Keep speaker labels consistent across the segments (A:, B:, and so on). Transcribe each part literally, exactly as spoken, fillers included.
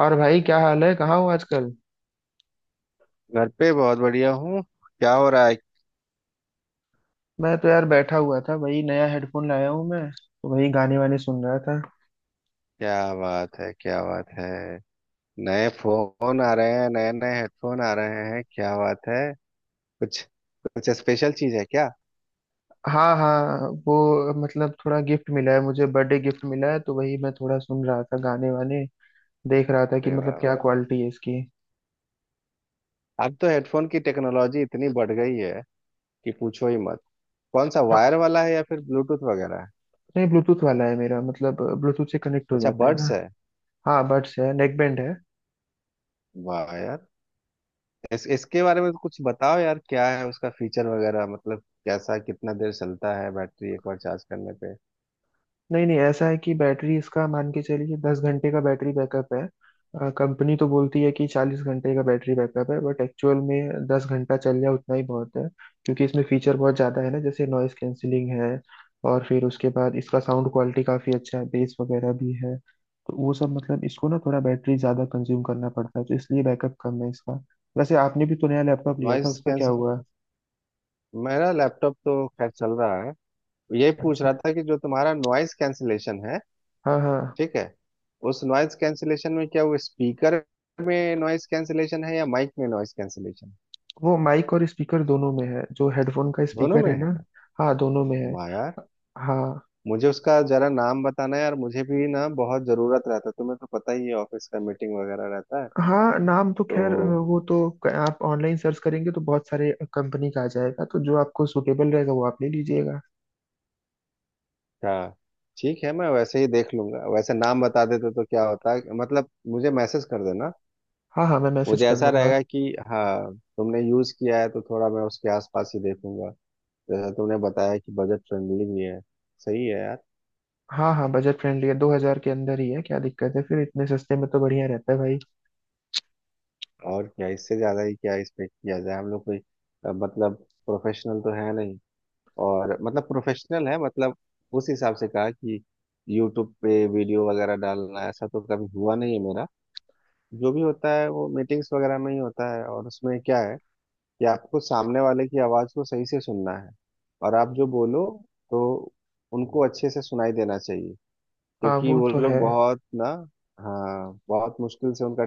A: और भाई, क्या हाल है? कहाँ हो आजकल?
B: घर पे बहुत बढ़िया हूँ। क्या हो रहा है?
A: मैं तो यार बैठा हुआ था। वही नया हेडफोन लाया हूँ, मैं तो वही गाने वाने सुन रहा था।
B: क्या बात है, क्या बात है! नए फोन आ रहे हैं, नए नए हेडफोन आ रहे हैं, क्या बात है! कुछ कुछ स्पेशल चीज है क्या?
A: हाँ हाँ, वो मतलब थोड़ा गिफ्ट मिला है, मुझे बर्थडे गिफ्ट मिला है, तो वही मैं थोड़ा सुन रहा था गाने वाने। देख रहा था कि
B: अरे वाह
A: मतलब क्या
B: वाह!
A: क्वालिटी है इसकी।
B: अब तो हेडफोन की टेक्नोलॉजी इतनी बढ़ गई है कि पूछो ही मत। कौन सा, वायर
A: हाँ,
B: वाला है या फिर ब्लूटूथ वगैरह है?
A: नहीं ब्लूटूथ वाला है मेरा, मतलब ब्लूटूथ से कनेक्ट हो
B: अच्छा,
A: जाता है
B: बड्स
A: ना।
B: है।
A: हाँ बड्स है, नेक बैंड है।
B: वाह यार! इस, इसके बारे में कुछ बताओ यार, क्या है उसका फीचर वगैरह, मतलब कैसा, कितना देर चलता है बैटरी एक बार चार्ज करने पे?
A: नहीं नहीं, ऐसा है कि बैटरी इसका मान के चलिए दस घंटे का बैटरी बैकअप है। कंपनी तो बोलती है कि चालीस घंटे का बैटरी बैकअप है, बट एक्चुअल में दस घंटा चल जाए उतना ही बहुत है। क्योंकि इसमें फीचर बहुत ज़्यादा है ना, जैसे नॉइस कैंसिलिंग है। और फिर उसके बाद इसका साउंड क्वालिटी काफ़ी अच्छा है, बेस वगैरह भी है। तो वो सब मतलब इसको ना थोड़ा बैटरी ज़्यादा कंज्यूम करना पड़ता है, तो इसलिए बैकअप कम है इसका। वैसे आपने भी तो नया लैपटॉप लिया था,
B: नॉइस।
A: उसका क्या हुआ?
B: मेरा लैपटॉप तो खैर चल रहा है। यही पूछ
A: अच्छा।
B: रहा था कि जो तुम्हारा नॉइज कैंसिलेशन है,
A: हाँ हाँ।
B: ठीक है, उस नॉइज कैंसिलेशन में क्या वो स्पीकर में नॉइज कैंसिलेशन है या माइक में नॉइज कैंसिलेशन?
A: वो माइक और स्पीकर दोनों में है, जो हेडफोन का
B: दोनों
A: स्पीकर
B: में
A: है ना।
B: है?
A: हाँ दोनों में है।
B: वाह यार!
A: हाँ
B: मुझे उसका जरा नाम बताना यार, मुझे भी ना बहुत जरूरत रहता है, तुम्हें तो पता ही है ऑफिस का मीटिंग वगैरह रहता है।
A: हाँ, नाम तो खैर अ,
B: तो
A: वो तो क- आप ऑनलाइन सर्च करेंगे तो बहुत सारे कंपनी का आ जाएगा, तो जो आपको सुटेबल रहेगा वो आप ले लीजिएगा।
B: क्या? ठीक है, मैं वैसे ही देख लूंगा, वैसे नाम बता देते तो क्या होता है, मतलब मुझे मैसेज कर देना।
A: हाँ हाँ, मैं मैसेज
B: मुझे
A: कर
B: ऐसा
A: दूंगा।
B: रहेगा कि हाँ तुमने यूज किया है तो थोड़ा मैं उसके आसपास ही देखूंगा। जैसा तुमने बताया कि बजट फ्रेंडली भी है, सही है यार।
A: हाँ हाँ, बजट फ्रेंडली है, दो हजार के अंदर ही है, क्या दिक्कत है? फिर इतने सस्ते में तो बढ़िया रहता है भाई।
B: और क्या, इससे ज्यादा ही क्या एक्सपेक्ट किया जाए, हम लोग कोई अ, मतलब प्रोफेशनल तो है नहीं। और मतलब प्रोफेशनल है मतलब, उस हिसाब से कहा कि यूट्यूब पे वीडियो वगैरह डालना ऐसा तो कभी हुआ नहीं है मेरा। जो भी होता है वो मीटिंग्स वगैरह में ही होता है, और उसमें क्या है कि आपको सामने वाले की आवाज को सही से सुनना है, और आप जो बोलो तो उनको अच्छे से सुनाई देना चाहिए।
A: हाँ
B: क्योंकि
A: वो
B: वो
A: तो
B: लोग
A: है।
B: बहुत ना, हाँ, बहुत मुश्किल से उनका,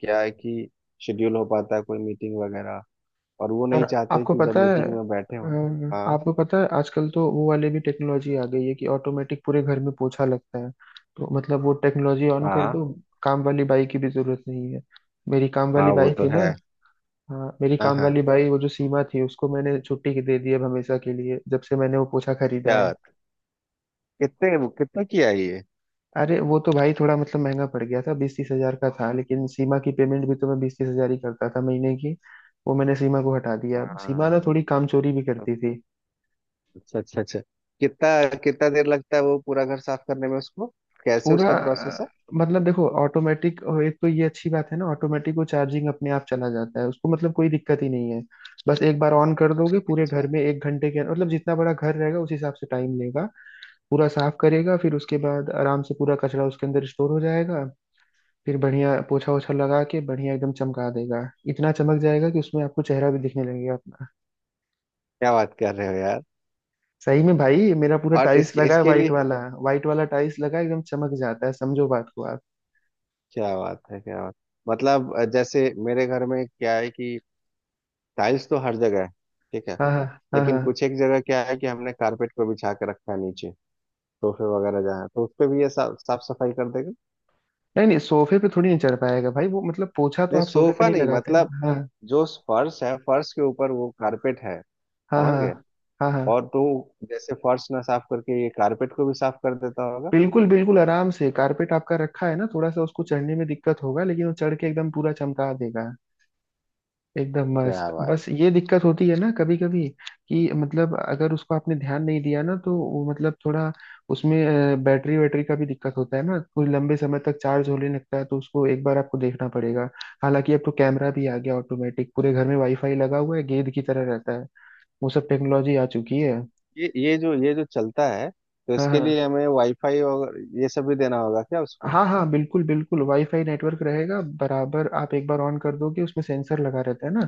B: क्या है कि शेड्यूल हो पाता है कोई मीटिंग वगैरह, और वो
A: और
B: नहीं चाहते
A: आपको
B: कि जब
A: पता है
B: मीटिंग में बैठे हो।
A: अम,
B: हाँ,
A: आपको पता है, आजकल तो वो वाले भी टेक्नोलॉजी आ गई है कि ऑटोमेटिक पूरे घर में पोछा लगता है। तो मतलब वो टेक्नोलॉजी ऑन कर
B: हाँ,
A: दो। काम वाली बाई की भी जरूरत नहीं है। मेरी काम
B: हाँ,
A: वाली
B: वो
A: बाई
B: तो
A: थी ना।
B: है।
A: हाँ, मेरी
B: हाँ
A: काम
B: हाँ,
A: वाली बाई वो जो सीमा थी उसको मैंने छुट्टी के दे दी अब हमेशा के लिए, जब से मैंने वो पोछा खरीदा
B: क्या
A: है।
B: बात। कितने, कितना किया है ये?
A: अरे, वो तो भाई थोड़ा मतलब महंगा पड़ गया था, बीस तीस हजार का था, लेकिन सीमा की पेमेंट भी तो मैं बीस तीस हजार ही करता था महीने की। वो मैंने सीमा को हटा दिया, सीमा ना
B: हाँ,
A: थोड़ी काम चोरी भी करती।
B: अच्छा अच्छा अच्छा। कितना, कितना देर लगता है वो पूरा घर साफ करने में उसको? कैसे
A: पूरा
B: उसका प्रोसेस
A: अ,
B: है?
A: मतलब देखो ऑटोमेटिक। एक तो ये अच्छी बात है ना, ऑटोमेटिक वो चार्जिंग अपने आप चला जाता है, उसको मतलब कोई दिक्कत ही नहीं है। बस एक बार ऑन कर दोगे पूरे
B: अच्छा।
A: घर में एक घंटे के, मतलब जितना बड़ा घर रहेगा उस हिसाब से टाइम लेगा। पूरा साफ करेगा, फिर उसके बाद आराम से पूरा कचरा उसके अंदर स्टोर हो जाएगा। फिर बढ़िया पोछा ओछा लगा के बढ़िया एकदम चमका देगा। इतना चमक जाएगा कि उसमें आपको चेहरा भी दिखने लगेगा अपना।
B: क्या बात कर रहे हो यार!
A: सही में भाई, मेरा पूरा
B: और
A: टाइल्स
B: इसके,
A: लगा है,
B: इसके
A: वाइट
B: लिए?
A: वाला। वाइट वाला टाइल्स लगा है, एकदम चमक जाता है, समझो बात को आप।
B: क्या बात है, क्या बात! मतलब अ, जैसे मेरे घर में क्या है कि टाइल्स तो हर जगह है, ठीक है।
A: हाँ हाँ, हाँ
B: लेकिन
A: हाँ।
B: कुछ एक जगह क्या है कि हमने कारपेट को बिछा के रखा है नीचे, सोफे वगैरह जहाँ, तो उस पे भी ये साफ साफ सफाई कर देगा?
A: नहीं नहीं, सोफे पे थोड़ी नहीं चढ़ पाएगा भाई, वो मतलब पोछा तो
B: नहीं
A: आप सोफे पे
B: सोफा
A: नहीं
B: नहीं,
A: लगाते
B: मतलब
A: ना, हाँ।
B: जो फर्श है, फर्श के ऊपर वो कारपेट है।
A: हाँ
B: समझ
A: हाँ।
B: गए?
A: हाँ हाँ
B: और तो जैसे फर्श ना साफ करके ये कारपेट को भी साफ कर देता होगा।
A: बिल्कुल बिल्कुल, आराम से कारपेट आपका रखा है ना थोड़ा सा उसको चढ़ने में दिक्कत होगा, लेकिन वो चढ़ के एकदम पूरा चमका देगा। एकदम
B: क्या
A: मस्त।
B: बात!
A: बस ये दिक्कत होती है ना कभी कभी, कि मतलब अगर उसको आपने ध्यान नहीं दिया ना, तो वो मतलब थोड़ा उसमें अ, बैटरी वैटरी का भी दिक्कत होता है ना, कोई लंबे समय तक चार्ज होने लगता है, तो उसको एक बार आपको देखना पड़ेगा। हालांकि अब तो कैमरा भी आ गया ऑटोमेटिक, पूरे घर में वाईफाई लगा हुआ है, गेंद की तरह रहता है। वो सब टेक्नोलॉजी आ चुकी है।
B: ये ये जो ये जो चलता है तो
A: हाँ
B: इसके
A: हाँ।
B: लिए हमें वाईफाई और ये सब भी देना होगा क्या उसको?
A: हाँ हाँ बिल्कुल बिल्कुल, वाईफाई नेटवर्क रहेगा बराबर, आप एक बार ऑन कर दोगे, उसमें सेंसर लगा रहता है ना।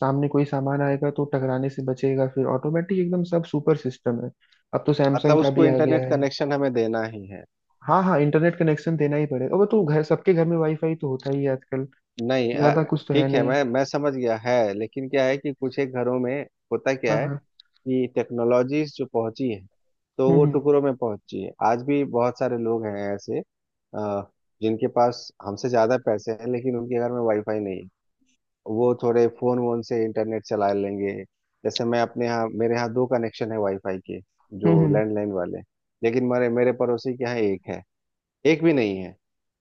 A: सामने कोई सामान आएगा तो टकराने से बचेगा, फिर ऑटोमेटिक एकदम सब सुपर सिस्टम है। अब तो सैमसंग
B: मतलब
A: का
B: उसको
A: भी आ गया
B: इंटरनेट
A: है।
B: कनेक्शन हमें देना ही है?
A: हाँ हाँ, इंटरनेट कनेक्शन देना ही पड़ेगा, वो तो घर सबके घर में वाईफाई तो होता ही है आजकल।
B: नहीं अ,
A: ज्यादा कुछ तो है
B: ठीक है,
A: नहीं।
B: मैं मैं समझ गया है, लेकिन क्या है कि कुछ एक घरों में होता
A: हाँ
B: क्या है
A: हाँ।
B: कि टेक्नोलॉजीज जो पहुंची है तो
A: हम्म
B: वो
A: हम्म।
B: टुकड़ों में पहुंची है। आज भी बहुत सारे लोग हैं ऐसे, अ, जिनके पास हमसे ज्यादा पैसे हैं लेकिन उनके घर में वाईफाई नहीं है। वो थोड़े फोन वोन से इंटरनेट चला लेंगे। जैसे मैं अपने यहाँ, मेरे यहाँ दो कनेक्शन है वाईफाई के, जो
A: हम्म हम्म।
B: लैंडलाइन वाले। लेकिन मेरे मेरे पड़ोसी के यहाँ एक है, एक भी नहीं है,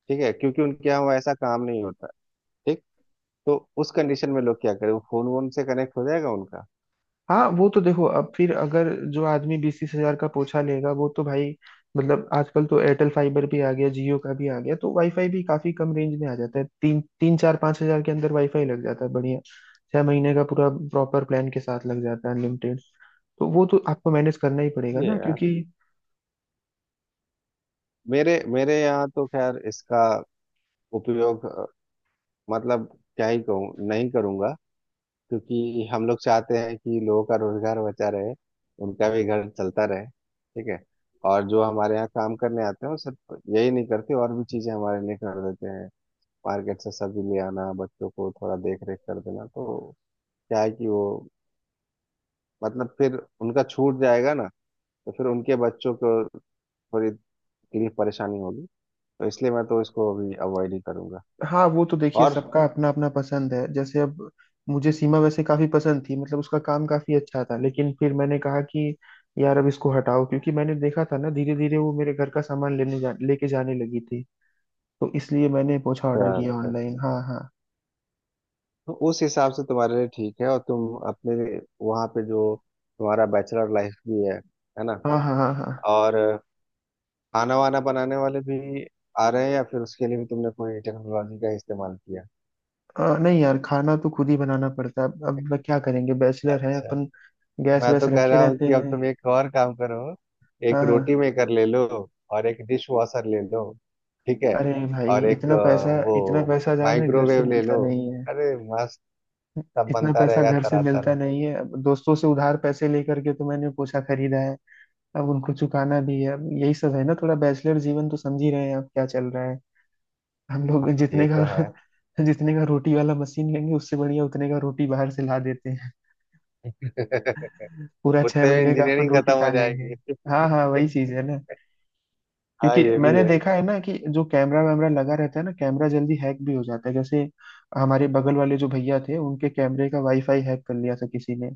B: ठीक है, क्योंकि उनके यहाँ वो ऐसा काम नहीं होता। ठीक। तो उस कंडीशन में लोग क्या करें, वो फोन वोन से कनेक्ट हो जाएगा उनका।
A: हाँ वो तो देखो, अब फिर अगर जो आदमी बीस तीस हजार का पोछा लेगा वो तो भाई। मतलब आजकल तो एयरटेल फाइबर भी आ गया, जियो का भी आ गया, तो वाईफाई भी काफी कम रेंज में आ जाता है, तीन तीन चार पाँच हजार के अंदर वाईफाई लग जाता है बढ़िया। छह महीने का पूरा प्रॉपर प्लान के साथ लग जाता है, अनलिमिटेड। तो वो तो आपको मैनेज करना ही पड़ेगा
B: ये
A: ना,
B: है यार।
A: क्योंकि।
B: मेरे मेरे यहाँ तो खैर इसका उपयोग अ, मतलब क्या ही कहूँ, नहीं करूँगा, क्योंकि हम लोग चाहते हैं कि लोगों का रोजगार बचा रहे, उनका भी घर चलता रहे, ठीक है। और जो हमारे यहाँ काम करने आते हैं वो सिर्फ यही नहीं करते, और भी चीजें हमारे लिए कर देते हैं। मार्केट से सब्जी ले आना, बच्चों को थोड़ा देख रेख कर देना, तो क्या है कि वो, मतलब फिर उनका छूट जाएगा ना, तो फिर उनके बच्चों को थोड़ी तकलीफ परेशानी होगी। तो इसलिए मैं तो इसको अभी अवॉइड ही करूंगा।
A: हाँ वो तो देखिए
B: और
A: सबका अपना अपना पसंद है, जैसे अब मुझे सीमा वैसे काफी पसंद थी, मतलब उसका काम काफी अच्छा था, लेकिन फिर मैंने कहा कि यार अब इसको हटाओ, क्योंकि मैंने देखा था ना धीरे धीरे वो मेरे घर का सामान लेने जा लेके जाने लगी थी। तो इसलिए मैंने पोछा ऑर्डर
B: अच्छा,
A: किया
B: अच्छा,
A: ऑनलाइन, हाँ हाँ।
B: तो उस हिसाब से तुम्हारे लिए ठीक है, और तुम अपने वहां पे जो तुम्हारा बैचलर लाइफ भी है है ना,
A: हाँ हाँ, हाँ हाँ।
B: और खाना वाना बनाने वाले भी आ रहे हैं या फिर उसके लिए भी तुमने कोई टेक्नोलॉजी का इस्तेमाल किया?
A: अ, नहीं यार, खाना तो खुद ही बनाना पड़ता है अब। अब क्या करेंगे, बैचलर है
B: अच्छा।
A: अपन। गैस
B: मैं
A: वैस
B: तो कह
A: रखे
B: रहा हूँ
A: रहते
B: कि अब
A: हैं।
B: तुम एक और काम करो,
A: हाँ
B: एक रोटी
A: हाँ।
B: मेकर ले लो, और एक डिश वॉशर ले लो, ठीक है,
A: अरे भाई,
B: और एक
A: इतना
B: अ,
A: पैसा,
B: वो
A: इतना पैसा जाने घर से
B: माइक्रोवेव ले
A: मिलता
B: लो।
A: नहीं।
B: अरे मस्त! सब
A: इतना
B: बनता
A: पैसा
B: रहेगा
A: घर से
B: तरह
A: मिलता
B: तरह।
A: नहीं है, अब दोस्तों से उधार पैसे लेकर के तो मैंने पोछा खरीदा है। अब उनको चुकाना भी है, अब यही सब है ना, थोड़ा बैचलर जीवन तो समझ ही रहे हैं आप क्या चल रहा है। हम लोग
B: ये
A: जितने
B: तो है।
A: का जितने का रोटी वाला मशीन लेंगे, उससे बढ़िया उतने का रोटी बाहर से ला देते हैं। पूरा छह
B: उतने में
A: महीने का अपन
B: इंजीनियरिंग खत्म
A: रोटी
B: हो
A: खा लेंगे।
B: जाएगी।
A: हाँ हाँ, वही चीज है ना।
B: हाँ,
A: क्योंकि
B: ये भी
A: मैंने
B: है।
A: देखा है ना कि जो कैमरा वैमरा लगा रहता है ना, कैमरा जल्दी हैक भी हो जाता है, जैसे हमारे बगल वाले जो भैया थे, उनके कैमरे का वाईफाई हैक कर लिया था किसी ने।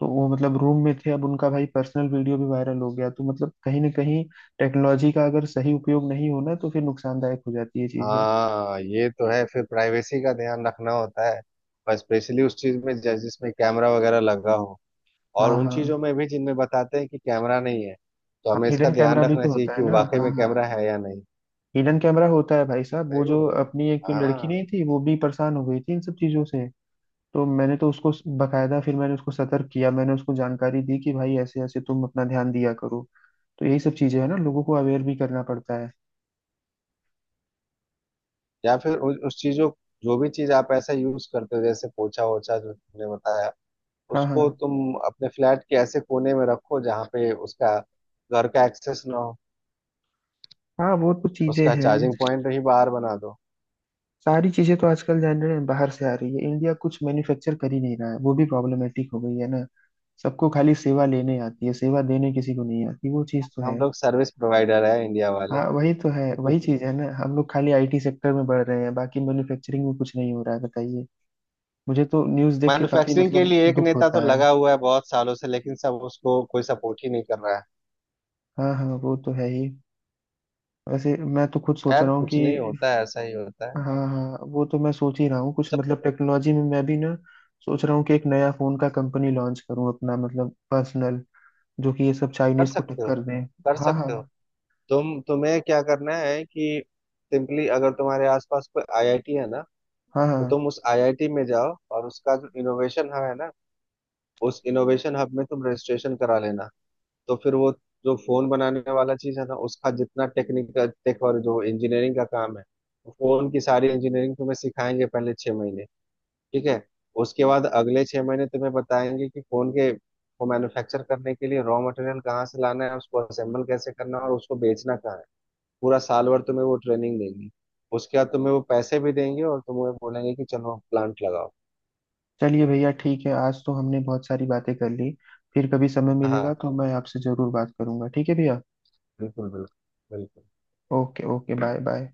A: तो वो मतलब रूम में थे, अब उनका भाई पर्सनल वीडियो भी वायरल हो गया, तो मतलब कहीं ना कहीं टेक्नोलॉजी का अगर सही उपयोग नहीं होना तो फिर नुकसानदायक हो जाती है चीजें।
B: हाँ, ये तो है, फिर प्राइवेसी का ध्यान रखना होता है, पर स्पेशली उस चीज में जैसे जिसमें कैमरा वगैरह लगा हो। और
A: हाँ
B: उन
A: हाँ।
B: चीजों में भी जिनमें बताते हैं कि कैमरा नहीं है, तो हमें इसका
A: हिडन
B: ध्यान
A: कैमरा भी
B: रखना
A: तो
B: चाहिए
A: होता है
B: कि
A: ना,
B: वाकई
A: हाँ
B: में
A: हाँ।
B: कैमरा है या नहीं।
A: हिडन कैमरा होता है भाई साहब, वो
B: सही
A: जो
B: बोल रहे हैं।
A: अपनी एक लड़की
B: हाँ,
A: नहीं थी, वो भी परेशान हो गई थी इन सब चीजों से। तो मैंने तो उसको स- बकायदा फिर मैंने उसको सतर्क किया, मैंने उसको जानकारी दी कि भाई ऐसे ऐसे तुम अपना ध्यान दिया करो। तो यही सब चीजें है ना, लोगों को अवेयर भी करना पड़ता है।
B: या फिर उ, उस चीजों, जो भी चीज आप ऐसा यूज करते हो, जैसे पोछा ओछा जो तुमने बताया,
A: हाँ हाँ।
B: उसको तुम अपने फ्लैट के ऐसे कोने में रखो जहाँ पे उसका घर का एक्सेस ना हो।
A: हाँ वो तो चीजें
B: उसका
A: हैं।
B: चार्जिंग पॉइंट ही बाहर बना दो।
A: सारी चीजें तो आजकल जान रहे हैं, बाहर से आ रही है, इंडिया कुछ मैन्युफैक्चर कर ही नहीं रहा है, वो भी प्रॉब्लमेटिक हो गई है ना। सबको खाली सेवा लेने आती है, सेवा देने किसी को नहीं आती, वो चीज तो
B: हम
A: है।
B: लोग सर्विस प्रोवाइडर है इंडिया वाले।
A: हाँ वही तो है, वही चीज है ना, हम लोग खाली आईटी सेक्टर में बढ़ रहे हैं, बाकी मैन्युफैक्चरिंग में कुछ नहीं हो रहा है, बताइए। मुझे तो न्यूज देख के काफी
B: मैन्युफैक्चरिंग के
A: मतलब
B: लिए एक
A: दुख
B: नेता तो
A: होता है।
B: लगा हुआ है बहुत सालों से, लेकिन सब उसको, कोई सपोर्ट ही नहीं कर रहा है।
A: हाँ हाँ, वो तो है ही। वैसे मैं तो खुद सोच
B: खैर,
A: रहा हूँ
B: कुछ नहीं
A: कि
B: होता है, ऐसा ही होता है।
A: हाँ हाँ, वो तो मैं सोच ही रहा हूँ कुछ
B: जब
A: मतलब टेक्नोलॉजी में मैं भी ना, सोच रहा हूँ कि एक नया फोन का कंपनी लॉन्च करूँ अपना, मतलब पर्सनल, जो कि ये सब
B: कर
A: चाइनीज को
B: सकते हो,
A: टक्कर दें।
B: कर
A: हाँ
B: सकते हो।
A: हाँ,
B: तुम तुम्हें क्या करना है कि सिंपली अगर तुम्हारे आसपास कोई आई आई टी है ना,
A: हाँ
B: तो
A: हाँ।
B: तुम उस आई आई टी में जाओ, और उसका जो इनोवेशन हब है ना, उस इनोवेशन हब में तुम रजिस्ट्रेशन करा लेना। तो फिर वो जो फोन बनाने वाला चीज है ना, उसका जितना टेक्निकल टेक और जो इंजीनियरिंग का काम है, फोन की सारी इंजीनियरिंग तुम्हें सिखाएंगे पहले छह महीने, ठीक है। उसके बाद अगले छह महीने तुम्हें बताएंगे कि फोन के को मैन्युफैक्चर करने के लिए रॉ मटेरियल कहाँ से लाना है, उसको असेंबल कैसे करना है, और उसको बेचना कहाँ है। पूरा साल भर तुम्हें वो ट्रेनिंग देंगे। उसके बाद तुम्हें वो पैसे भी देंगे और तुम्हें बोलेंगे कि चलो प्लांट लगाओ।
A: चलिए भैया ठीक है, आज तो हमने बहुत सारी बातें कर ली। फिर कभी समय मिलेगा
B: हाँ,
A: तो मैं आपसे जरूर बात करूंगा, ठीक है भैया।
B: बिल्कुल बिल्कुल बिल्कुल।
A: Okay okay, bye bye.